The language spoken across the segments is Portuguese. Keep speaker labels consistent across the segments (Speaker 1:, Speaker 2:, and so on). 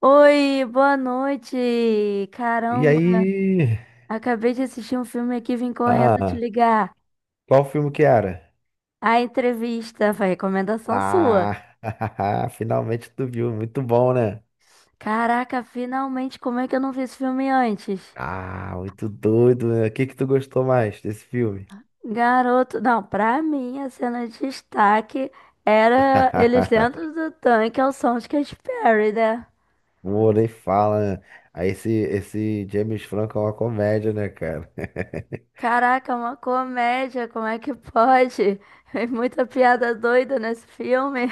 Speaker 1: Oi, boa noite.
Speaker 2: E
Speaker 1: Caramba,
Speaker 2: aí?
Speaker 1: acabei de assistir um filme aqui, vim correndo te
Speaker 2: Ah,
Speaker 1: ligar.
Speaker 2: qual filme que era?
Speaker 1: A entrevista foi recomendação sua.
Speaker 2: Ah, finalmente tu viu. Muito bom, né?
Speaker 1: Caraca, finalmente, como é que eu não vi esse filme antes?
Speaker 2: Ah, muito doido, né? O que que tu gostou mais desse filme?
Speaker 1: Garoto, não, pra mim a cena de destaque era eles dentro do tanque ao som de Katy Perry, né?
Speaker 2: Pô, nem fala, né? Aí esse James Franco é uma comédia, né, cara?
Speaker 1: Caraca, uma comédia, como é que pode? É muita piada doida nesse filme.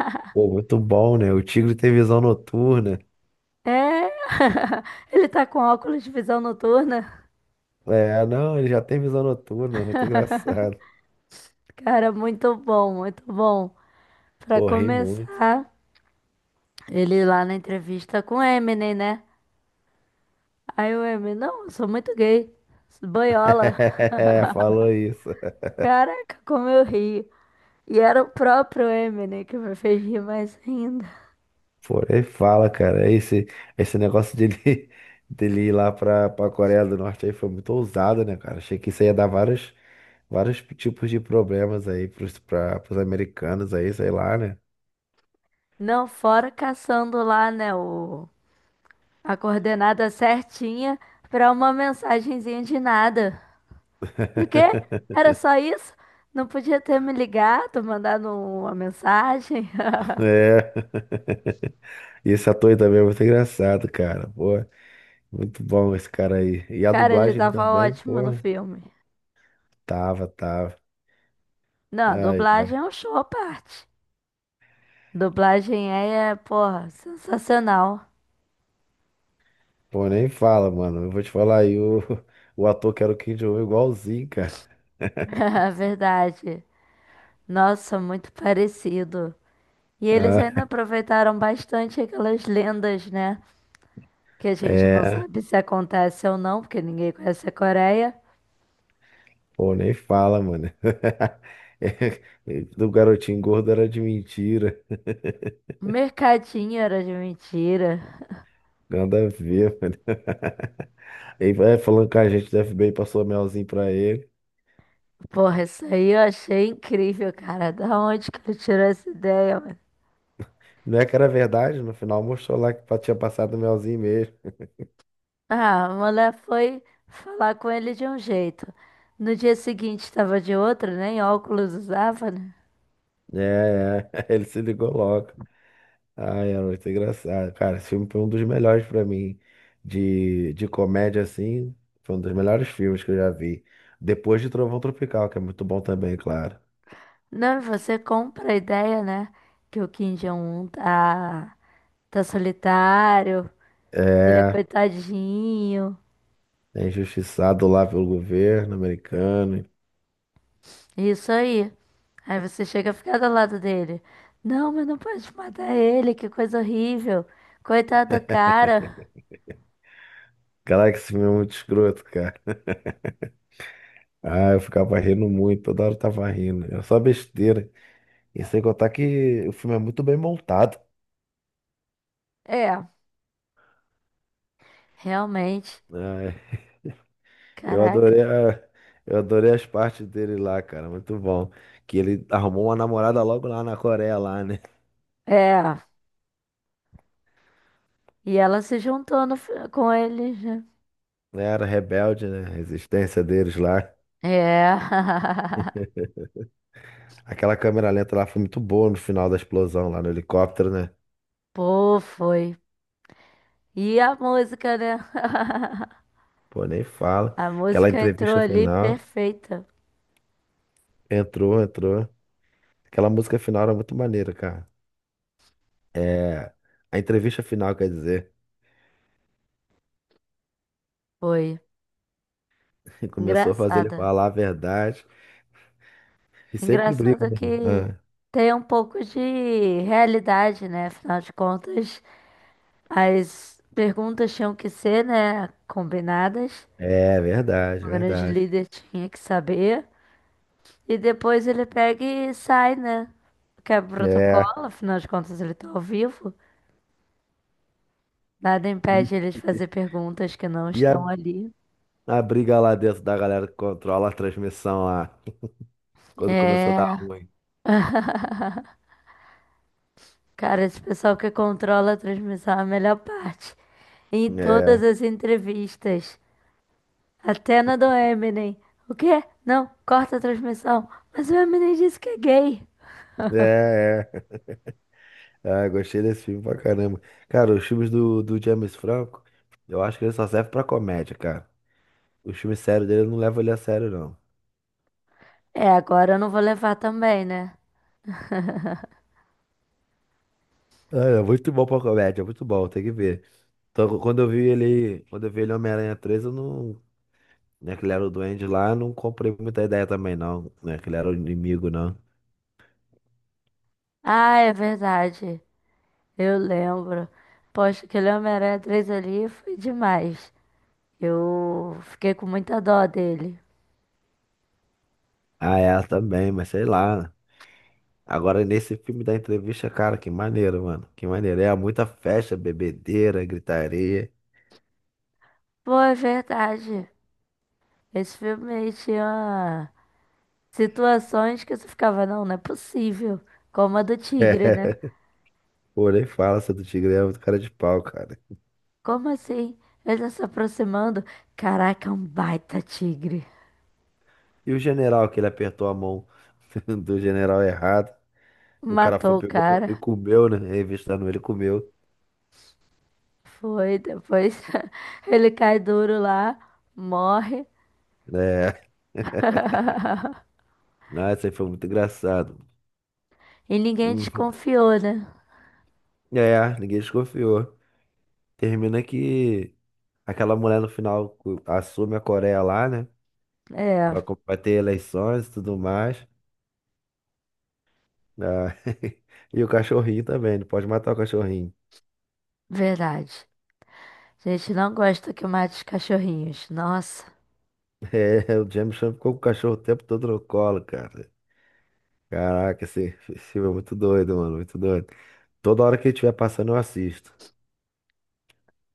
Speaker 2: Pô, muito bom, né? O Tigre tem visão noturna.
Speaker 1: É, ele tá com óculos de visão noturna.
Speaker 2: É, não, ele já tem visão noturna, muito engraçado.
Speaker 1: Cara, muito bom, muito bom. Pra
Speaker 2: Pô, ri muito.
Speaker 1: começar, ele lá na entrevista com o Eminem, né? Aí o Eminem, não, eu sou muito gay. Sou Boiola.
Speaker 2: Falou isso.
Speaker 1: Caraca, como eu ri. E era o próprio Eminem que me fez rir mais ainda.
Speaker 2: Pô, ele fala, cara, esse negócio dele, dele ir lá pra Coreia do Norte aí foi muito ousado, né, cara? Achei que isso ia dar vários tipos de problemas aí pros americanos aí, sei lá, né?
Speaker 1: Não, fora caçando lá, né, o... a coordenada certinha pra uma mensagenzinha de nada. O quê? Era só isso? Não podia ter me ligado, mandado uma mensagem?
Speaker 2: É. E esse ator aí também é muito engraçado, cara. Pô, muito bom esse cara aí. E a
Speaker 1: Cara, ele
Speaker 2: dublagem
Speaker 1: tava
Speaker 2: também,
Speaker 1: ótimo no
Speaker 2: pô,
Speaker 1: filme.
Speaker 2: tava.
Speaker 1: Não, a
Speaker 2: Ai, ai.
Speaker 1: dublagem é um show à parte. Dublagem é, porra, sensacional.
Speaker 2: Pô, nem fala, mano. Eu vou te falar aí, o, o ator que era o Kim Jong-un é igualzinho, cara.
Speaker 1: Verdade. Nossa, muito parecido. E eles ainda
Speaker 2: Ah,
Speaker 1: aproveitaram bastante aquelas lendas, né? Que a gente não
Speaker 2: é,
Speaker 1: sabe se acontece ou não, porque ninguém conhece a Coreia.
Speaker 2: pô, nem fala, mano. É, do garotinho gordo era de mentira.
Speaker 1: Mercadinho era de mentira.
Speaker 2: Nada a ver, mano. Ele vai falando que a gente do FBI passou um melzinho pra ele.
Speaker 1: Porra, isso aí eu achei incrível, cara. Da onde que ele tirou essa ideia,
Speaker 2: Não é que era verdade, no final mostrou lá que tinha passado um melzinho mesmo.
Speaker 1: ah, a mulher foi falar com ele de um jeito. No dia seguinte estava de outro, nem óculos usava, né?
Speaker 2: É, é, ele se ligou logo. Ai, era muito engraçado. Cara, esse filme foi um dos melhores pra mim. De comédia, assim, foi um dos melhores filmes que eu já vi. Depois de Trovão Tropical, que é muito bom também, claro.
Speaker 1: Não, e você compra a ideia, né? Que o Kim Jong-un tá solitário, ele é
Speaker 2: É,
Speaker 1: coitadinho.
Speaker 2: é injustiçado lá pelo governo americano.
Speaker 1: Isso aí. Aí você chega a ficar do lado dele. Não, mas não pode matar ele, que coisa horrível. Coitado do cara.
Speaker 2: Caraca, esse filme é muito escroto, cara. Ah, eu ficava rindo muito, toda hora eu tava rindo. Era só besteira. E sem contar que o filme é muito bem montado.
Speaker 1: É, realmente.
Speaker 2: Ah, eu
Speaker 1: Caraca.
Speaker 2: adorei a- eu adorei as partes dele lá, cara. Muito bom. Que ele arrumou uma namorada logo lá na Coreia, lá, né?
Speaker 1: É. E ela se juntou no fi- com ele, né?
Speaker 2: Era rebelde, né? A resistência deles lá.
Speaker 1: É.
Speaker 2: Aquela câmera lenta lá foi muito boa no final da explosão lá no helicóptero, né?
Speaker 1: Pô, foi. E a música, né?
Speaker 2: Pô, nem fala.
Speaker 1: A
Speaker 2: Aquela
Speaker 1: música entrou
Speaker 2: entrevista
Speaker 1: ali
Speaker 2: final.
Speaker 1: perfeita.
Speaker 2: Entrou. Aquela música final era muito maneira, cara. É, a entrevista final, quer dizer,
Speaker 1: Foi.
Speaker 2: começou a fazer ele
Speaker 1: Engraçada.
Speaker 2: falar a verdade e sempre briga,
Speaker 1: Engraçado
Speaker 2: né?
Speaker 1: que
Speaker 2: Ah,
Speaker 1: tem um pouco de realidade, né? Afinal de contas, as perguntas tinham que ser, né? Combinadas.
Speaker 2: é verdade,
Speaker 1: O grande
Speaker 2: verdade.
Speaker 1: líder tinha que saber. E depois ele pega e sai, né? Quebra o
Speaker 2: É.
Speaker 1: protocolo, afinal de contas, ele tá ao vivo. Nada impede eles de
Speaker 2: E
Speaker 1: fazer perguntas que não
Speaker 2: e a,
Speaker 1: estão ali.
Speaker 2: a briga lá dentro da galera que controla a transmissão lá, quando começou a dar
Speaker 1: É.
Speaker 2: ruim.
Speaker 1: Cara, esse pessoal que controla a transmissão é a melhor parte. Em todas
Speaker 2: É,
Speaker 1: as entrevistas. Até na do Eminem. O quê? Não, corta a transmissão. Mas o Eminem disse que é gay.
Speaker 2: é. Ah, gostei desse filme pra caramba. Cara, os filmes do James Franco, eu acho que ele só serve pra comédia, cara. O filme sério dele eu não leva ele a sério, não.
Speaker 1: É, agora eu não vou levar também, né?
Speaker 2: É, é muito bom pra comédia, é muito bom, tem que ver. Então, quando eu vi ele Homem-Aranha 3 eu não, né, que ele era o duende lá, eu não comprei muita ideia também, não, né, que ele era o inimigo, não.
Speaker 1: Ah, é verdade. Eu lembro. Poxa, aquele Homem-Aranha 3 ali foi demais. Eu fiquei com muita dó dele.
Speaker 2: Ah, é, ela também, mas sei lá. Agora, nesse filme da entrevista, cara, que maneiro, mano, que maneiro. É muita festa, bebedeira, gritaria.
Speaker 1: Pô, é verdade. Esse filme aí tinha situações que você ficava, não, não é possível. Como a do tigre, né?
Speaker 2: Pô, nem fala, seu do Tigre é muito cara de pau, cara.
Speaker 1: Como assim? Ele tá se aproximando. Caraca, é um baita tigre.
Speaker 2: E o general, que ele apertou a mão do general errado. O cara foi,
Speaker 1: Matou o
Speaker 2: pegou e
Speaker 1: cara.
Speaker 2: comeu, né? Revistando ele, comeu.
Speaker 1: Foi, depois ele cai duro lá, morre.
Speaker 2: É. Ah, isso aí foi muito engraçado.
Speaker 1: E ninguém
Speaker 2: Hum,
Speaker 1: desconfiou, né?
Speaker 2: É, ninguém desconfiou. Termina que aquela mulher no final assume a Coreia lá, né?
Speaker 1: É,
Speaker 2: Vai, vai ter eleições e tudo mais. Ah, e o cachorrinho também, não pode matar o cachorrinho.
Speaker 1: verdade. A gente não gosta que mate os cachorrinhos. Nossa.
Speaker 2: É, o James Chan ficou com o cachorro o tempo todo no colo, cara. Caraca, esse filme é muito doido, mano, muito doido. Toda hora que ele estiver passando, eu assisto.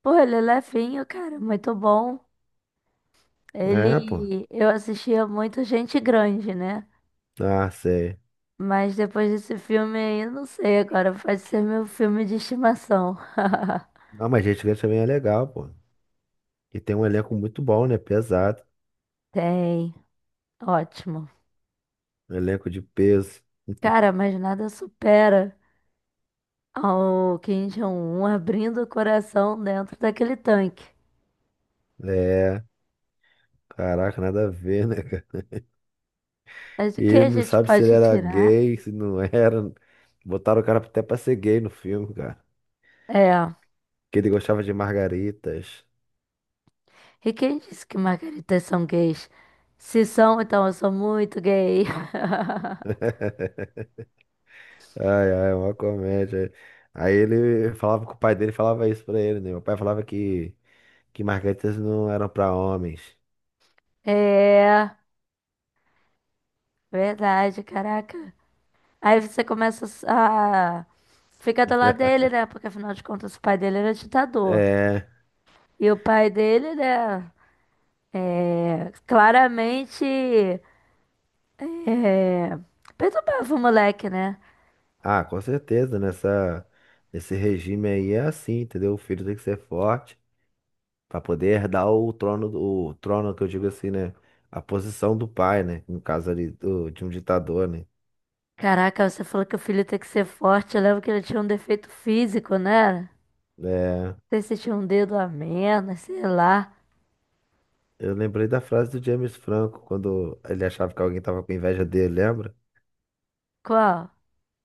Speaker 1: Pô, ele é levinho, cara. Muito bom.
Speaker 2: É, pô.
Speaker 1: Ele, eu assistia muito Gente Grande, né?
Speaker 2: Ah, sei.
Speaker 1: Mas depois desse filme aí, não sei agora, pode ser meu filme de estimação.
Speaker 2: Ah, mas Gente Grande também é legal, pô. E tem um elenco muito bom, né? Pesado.
Speaker 1: Tem, ótimo.
Speaker 2: Um elenco de peso.
Speaker 1: Cara, mas nada supera ao Kim Jong-un abrindo o coração dentro daquele tanque.
Speaker 2: É, caraca, nada a ver, né, cara?
Speaker 1: Mas o que
Speaker 2: E
Speaker 1: a
Speaker 2: não
Speaker 1: gente
Speaker 2: sabe se ele
Speaker 1: pode
Speaker 2: era
Speaker 1: tirar?
Speaker 2: gay, se não era. Botaram o cara até pra ser gay no filme, cara.
Speaker 1: É,
Speaker 2: Que ele gostava de margaritas.
Speaker 1: e quem disse que margaritas são gays? Se são, então eu sou muito gay.
Speaker 2: Ai, ai, uma comédia. Aí ele falava que o pai dele falava isso pra ele, né? Meu pai falava que margaritas não eram pra homens.
Speaker 1: É, verdade, caraca. Aí você começa a ficar do lado dele, né? Porque afinal de contas o pai dele era ditador.
Speaker 2: É.
Speaker 1: E o pai dele, né? É, claramente é, perturbava o moleque, né?
Speaker 2: Ah, com certeza, nesse regime aí é assim, entendeu? O filho tem que ser forte para poder herdar o trono, o trono que eu digo assim, né? A posição do pai, né? No caso ali do, de um ditador, né?
Speaker 1: Caraca, você falou que o filho tem que ser forte. Eu lembro que ele tinha um defeito físico, né? Não
Speaker 2: É,
Speaker 1: sei se tinha um dedo a menos, sei lá.
Speaker 2: eu lembrei da frase do James Franco quando ele achava que alguém tava com inveja dele, lembra?
Speaker 1: Qual?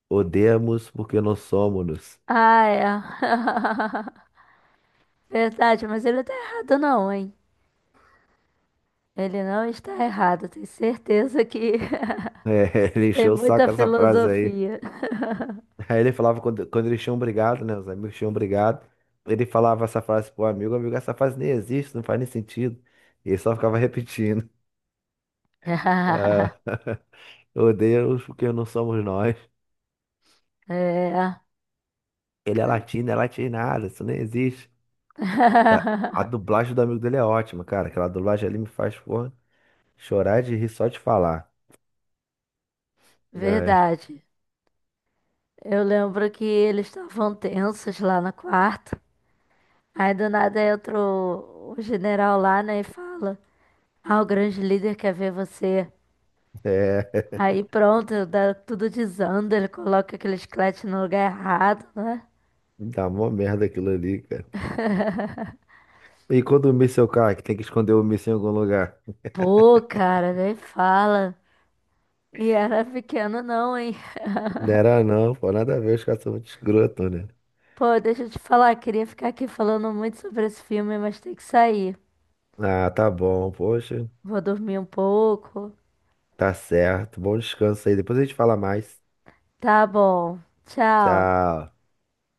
Speaker 2: Odeamos porque não somos.
Speaker 1: Ah, é. Verdade, mas ele não tá errado não, hein? Ele não está errado, tenho certeza que.
Speaker 2: É, ele
Speaker 1: Tem
Speaker 2: encheu o
Speaker 1: muita
Speaker 2: saco essa frase aí.
Speaker 1: filosofia.
Speaker 2: Aí ele falava quando eles tinham brigado, né? Os amigos tinham brigado. Ele falava essa frase pro amigo, amigo, essa frase nem existe, não faz nem sentido. E ele só ficava repetindo. Ah, oh Deus, porque não somos nós.
Speaker 1: É.
Speaker 2: Ele é latino, é latinado, isso nem existe. A, a dublagem do amigo dele é ótima, cara. Aquela dublagem ali me faz, porra, chorar de rir só de falar. É,
Speaker 1: Verdade. Eu lembro que eles estavam tensos lá no quarto. Aí do nada entra o general lá, né, e fala: ah, o grande líder quer ver você.
Speaker 2: é,
Speaker 1: Aí pronto, dá, tudo desanda, ele coloca aquele chiclete no lugar errado, né?
Speaker 2: dá mó merda aquilo ali, cara. E quando o míssil cai, que tem que esconder o míssil em algum lugar?
Speaker 1: Pô, cara, nem fala. E era pequeno, não, hein?
Speaker 2: Não era não, pô, nada a ver, os caras são muito escroto, né?
Speaker 1: Pô, deixa eu te falar, queria ficar aqui falando muito sobre esse filme, mas tem que sair.
Speaker 2: Ah, tá bom. Poxa,
Speaker 1: Vou dormir um pouco.
Speaker 2: tá certo. Bom descanso aí. Depois a gente fala mais.
Speaker 1: Tá bom. Tchau.
Speaker 2: Tchau.